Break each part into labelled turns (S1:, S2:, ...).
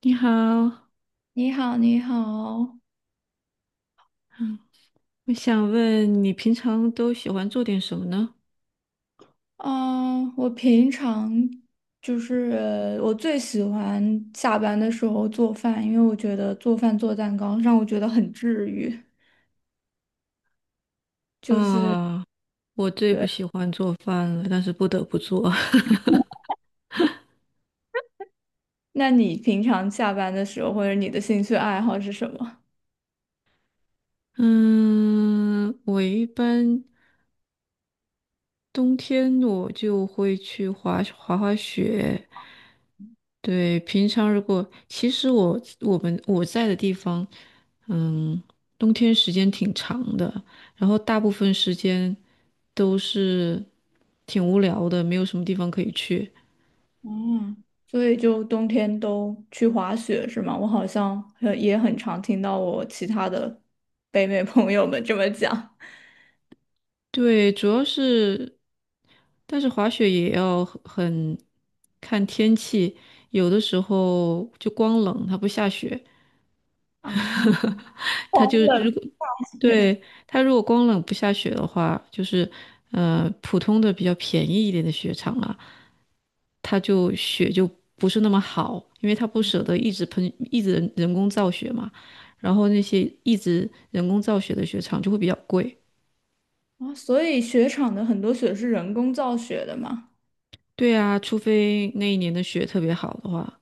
S1: 你好，
S2: 你好，你好。
S1: 我想问你平常都喜欢做点什么呢？
S2: 嗯、我平常我最喜欢下班的时候做饭，因为我觉得做饭做蛋糕让我觉得很治愈。就是
S1: 啊，我最不
S2: 对，
S1: 喜欢做饭了，但是不得不做。
S2: 那你平常下班的时候或者你的兴趣爱好是什么？
S1: 嗯，我一般冬天我就会去滑雪。对，平常如果其实我我们我在的地方，嗯，冬天时间挺长的，然后大部分时间都是挺无聊的，没有什么地方可以去。
S2: 嗯，所以就冬天都去滑雪是吗？我好像也很常听到我其他的北美朋友们这么讲
S1: 对，主要是，但是滑雪也要很看天气，有的时候就光冷，它不下雪，
S2: 啊，
S1: 它就如果
S2: 对
S1: 对它如果光冷不下雪的话，就是普通的比较便宜一点的雪场啊，它就雪就不是那么好，因为它不舍得一直喷，一直人工造雪嘛，然后那些一直人工造雪的雪场就会比较贵。
S2: 啊，所以雪场的很多雪是人工造雪的嘛。
S1: 对啊，除非那一年的雪特别好的话，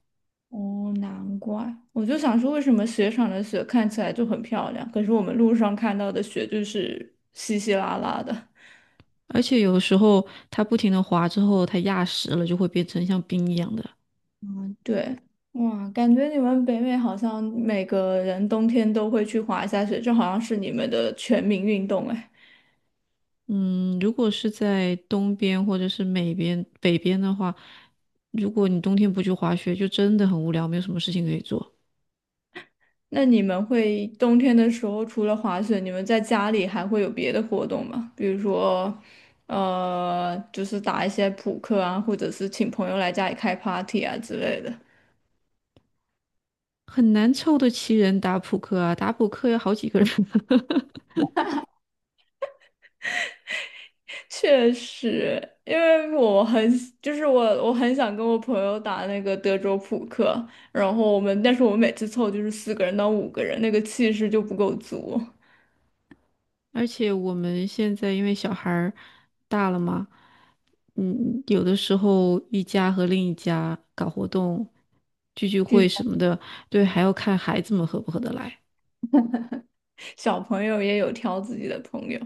S2: 哦，难怪，我就想说，为什么雪场的雪看起来就很漂亮，可是我们路上看到的雪就是稀稀拉拉的。
S1: 而且有的时候它不停的滑之后，它压实了就会变成像冰一样的。
S2: 对，哇，感觉你们北美好像每个人冬天都会去滑一下雪，这好像是你们的全民运动哎。
S1: 嗯，如果是在东边或者是美边、北边的话，如果你冬天不去滑雪，就真的很无聊，没有什么事情可以做，
S2: 那你们会冬天的时候除了滑雪，你们在家里还会有别的活动吗？比如说，就是打一些扑克啊，或者是请朋友来家里开 party 啊之类的。
S1: 很难凑得齐人打扑克啊。打扑克要好几个人。
S2: 确实，因为我很喜就是我很想跟我朋友打那个德州扑克，然后我们每次凑就是4个人到5个人，那个气势就不够足。
S1: 而且我们现在因为小孩儿大了嘛，有的时候一家和另一家搞活动、聚聚会什么的，对，还要看孩子们合不合得来。
S2: 小朋友也有挑自己的朋友，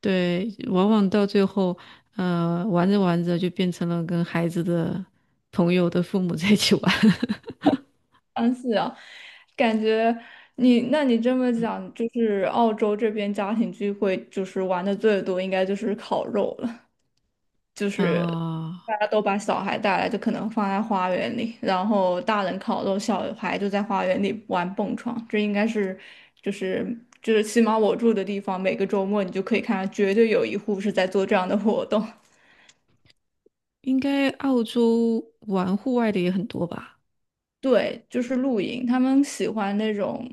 S1: 对，往往到最后，玩着玩着就变成了跟孩子的朋友的父母 在一起玩。
S2: 但是啊，感觉你这么讲，就是澳洲这边家庭聚会就是玩的最多，应该就是烤肉了。
S1: 啊、
S2: 大家都把小孩带来，就可能放在花园里，然后大人烤肉，小孩就在花园里玩蹦床。这应该是，就是就是，起码我住的地方，每个周末你就可以看到，绝对有一户是在做这样的活动。
S1: 应该澳洲玩户外的也很多吧？
S2: 对，就是露营，他们喜欢那种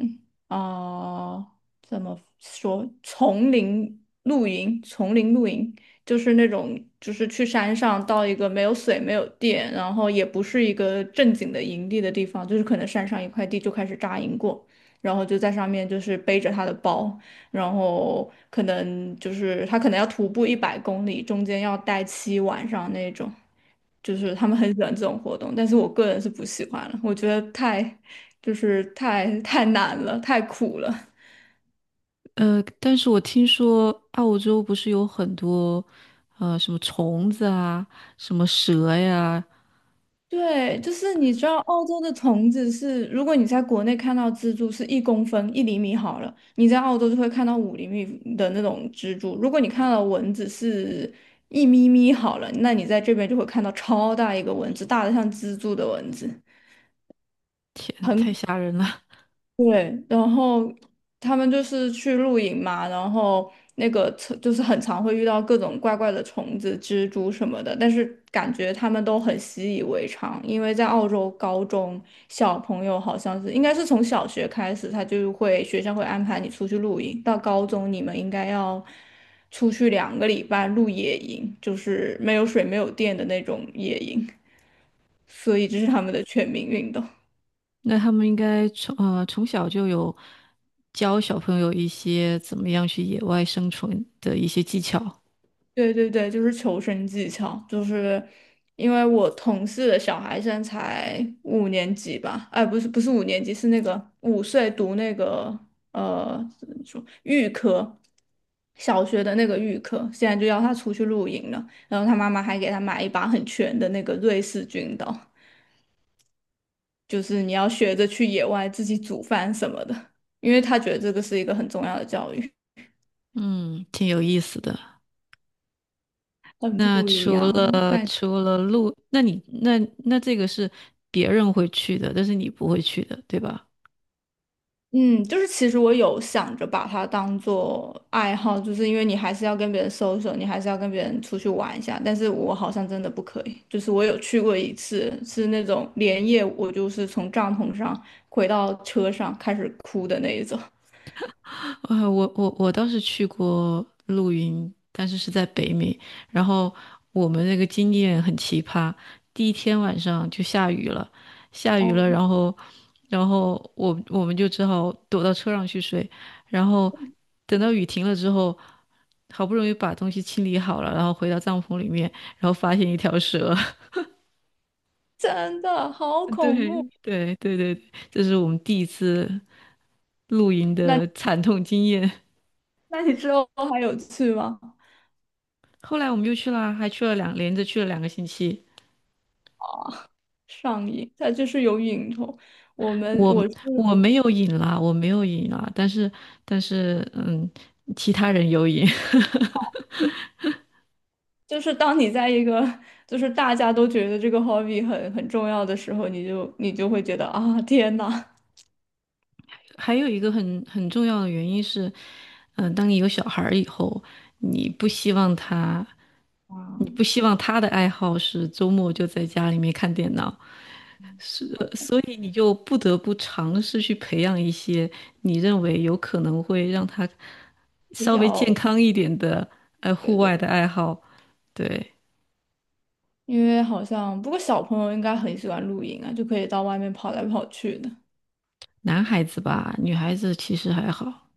S2: 啊，呃怎么说，丛林露营，丛林露营就是那种，就是去山上到一个没有水、没有电，然后也不是一个正经的营地的地方，就是可能山上一块地就开始扎营过，然后就在上面就是背着他的包，然后可能就是他可能要徒步100公里，中间要待7晚上那种。就是他们很喜欢这种活动，但是我个人是不喜欢了，我觉得太太难了，太苦了。
S1: 但是我听说澳洲不是有很多，什么虫子啊，什么蛇呀，
S2: 对，就是你知道澳洲的虫子是，如果你在国内看到蜘蛛是1公分1厘米好了，你在澳洲就会看到5厘米的那种蜘蛛。如果你看到蚊子是一咪咪好了，那你在这边就会看到超大一个蚊子，大的像蜘蛛的蚊子。
S1: 天，太
S2: 很。
S1: 吓人了。
S2: 对，然后他们就是去露营嘛，然后那个车就是很常会遇到各种怪怪的虫子、蜘蛛什么的，但是感觉他们都很习以为常，因为在澳洲高中小朋友好像是应该是从小学开始，他就会学校会安排你出去露营，到高中你们应该要出去2个礼拜露野营，就是没有水、没有电的那种野营，所以这是他们的全民运动。
S1: 那他们应该从从小就有教小朋友一些怎么样去野外生存的一些技巧，
S2: 对对对，就是求生技巧，就是因为我同事的小孩现在才五年级吧，哎，不是五年级，是那个5岁读那个呃怎么说预科，小学的那个预科，现在就要他出去露营了，然后他妈妈还给他买一把很全的那个瑞士军刀，就是你要学着去野外自己煮饭什么的，因为他觉得这个是一个很重要的教育，
S1: 嗯，挺有意思的。
S2: 很
S1: 那
S2: 不一
S1: 除
S2: 样，
S1: 了
S2: 感。
S1: 除了路，那你那那这个是别人会去的，但是你不会去的，对吧？
S2: 嗯，就是其实我有想着把它当做爱好，就是因为你还是要跟别人 social，你还是要跟别人出去玩一下。但是我好像真的不可以，就是我有去过一次，是那种连夜我就是从帐篷上回到车上开始哭的那一种。
S1: 啊，我倒是去过露营，但是是在北美。然后我们那个经验很奇葩，第一天晚上就下雨了，下雨了，
S2: 哦，
S1: 然后然后我们就只好躲到车上去睡。然后等到雨停了之后，好不容易把东西清理好了，然后回到帐篷里面，然后发现一条蛇。
S2: 真的好恐
S1: 对，
S2: 怖。
S1: 对对对，对这是我们第一次露营的
S2: 那
S1: 惨痛经验。
S2: 那你之后还有去吗？
S1: 后来我们就去了，还去了两，连着去了两个星期。
S2: 上瘾，它就是有瘾头。我们
S1: 我
S2: 我是
S1: 我没有瘾啦，我没有瘾啦，但是但是其他人有瘾。
S2: 就是当你在一个就是大家都觉得这个 hobby 很重要的时候，你就会觉得啊，天呐。
S1: 还有一个很重要的原因是，嗯、当你有小孩儿以后，你不希望他，你
S2: 啊，
S1: 不希望他的爱好是周末就在家里面看电脑，是，所以你就不得不尝试去培养一些你认为有可能会让他
S2: 比
S1: 稍微健
S2: 较
S1: 康一点的，户
S2: 对对，
S1: 外的爱好。对，
S2: 因为好像不过小朋友应该很喜欢露营啊，就可以到外面跑来跑去的。
S1: 男孩子吧，女孩子其实还好。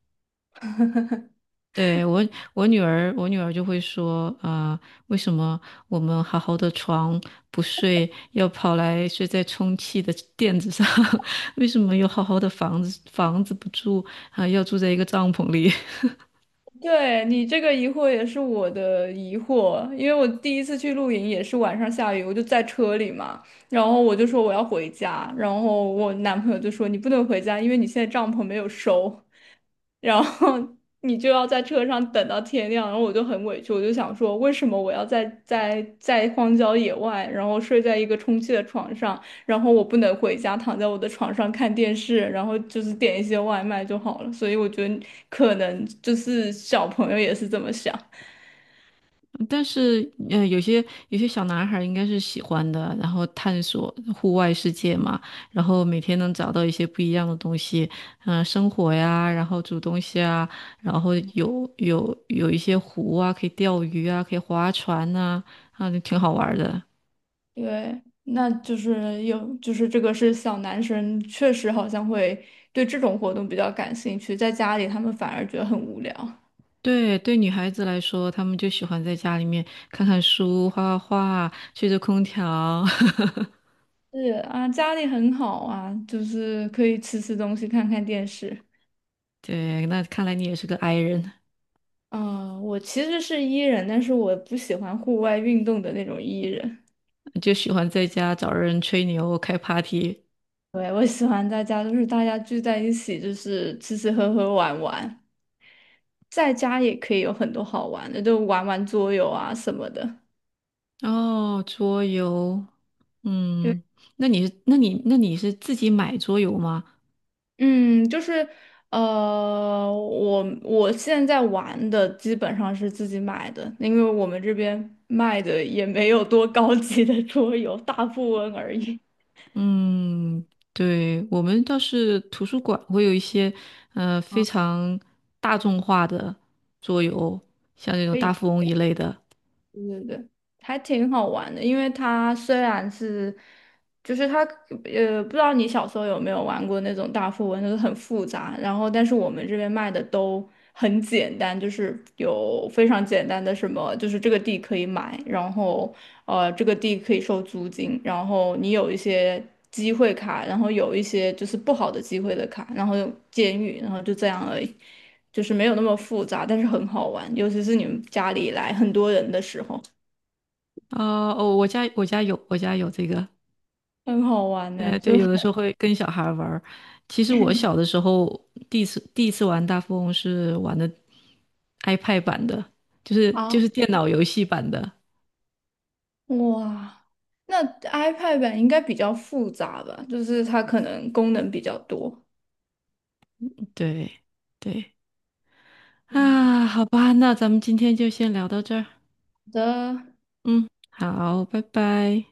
S1: 对，我，我女儿，我女儿就会说，啊、为什么我们好好的床不睡，要跑来睡在充气的垫子上？为什么有好好的房子，房子不住，啊、要住在一个帐篷里？
S2: 对你这个疑惑也是我的疑惑，因为我第一次去露营也是晚上下雨，我就在车里嘛，然后我就说我要回家，然后我男朋友就说你不能回家，因为你现在帐篷没有收。然后你就要在车上等到天亮，然后我就很委屈，我就想说，为什么我要在荒郊野外，然后睡在一个充气的床上，然后我不能回家躺在我的床上看电视，然后就是点一些外卖就好了。所以我觉得可能就是小朋友也是这么想，
S1: 但是，有些小男孩儿应该是喜欢的，然后探索户外世界嘛，然后每天能找到一些不一样的东西，嗯、生火呀，然后煮东西啊，然后有一些湖啊，可以钓鱼啊，可以划船呐、啊，就挺好玩儿的。
S2: 对，那就是这个是小男生确实好像会对这种活动比较感兴趣，在家里他们反而觉得很无聊。
S1: 对对，女孩子来说，她们就喜欢在家里面看看书、画画画、吹着空调。
S2: 是啊，家里很好啊，就是可以吃吃东西，看看电视。
S1: 对，那看来你也是个 i 人，
S2: 我其实是 E 人，但是我不喜欢户外运动的那种 E 人。
S1: 就喜欢在家找人吹牛、开 party。
S2: 对，我喜欢在家，就是大家聚在一起，就是吃吃喝喝玩玩，在家也可以有很多好玩的，就玩玩桌游啊什么的。
S1: 哦，桌游，
S2: 对。
S1: 嗯，那你是自己买桌游吗？
S2: 嗯，就是我现在玩的基本上是自己买的，因为我们这边卖的也没有多高级的桌游，大富翁而已。
S1: 嗯，对，我们倒是图书馆会有一些，非
S2: 啊，
S1: 常大众化的桌游，像那种
S2: 可
S1: 大
S2: 以。
S1: 富翁一类的。
S2: 对对对，还挺好玩的，因为它虽然是，就是它，呃，不知道你小时候有没有玩过那种大富翁，就是很复杂，然后我们这边卖的都很简单，就是有非常简单的什么，就是这个地可以买，然后这个地可以收租金，然后你有一些机会卡，然后有一些就是不好的机会的卡，然后有监狱，然后就这样而已。就是没有那么复杂，但是很好玩，尤其是你们家里来很多人的时候，
S1: 啊、哦，我家有，我家有这个，
S2: 很好玩呢、就
S1: 对，
S2: 是很
S1: 有的时候会跟小孩儿玩儿。其实我小的时候第一次玩大富翁是玩的 iPad 版的，就是
S2: 啊，
S1: 就是电脑游戏版的。
S2: 哇，那 iPad 版应该比较复杂吧，就是它可能功能比较多。
S1: 对对
S2: 嗯，
S1: 啊，好吧，那咱们今天就先聊到这儿。
S2: 好的。
S1: 嗯，好，拜拜。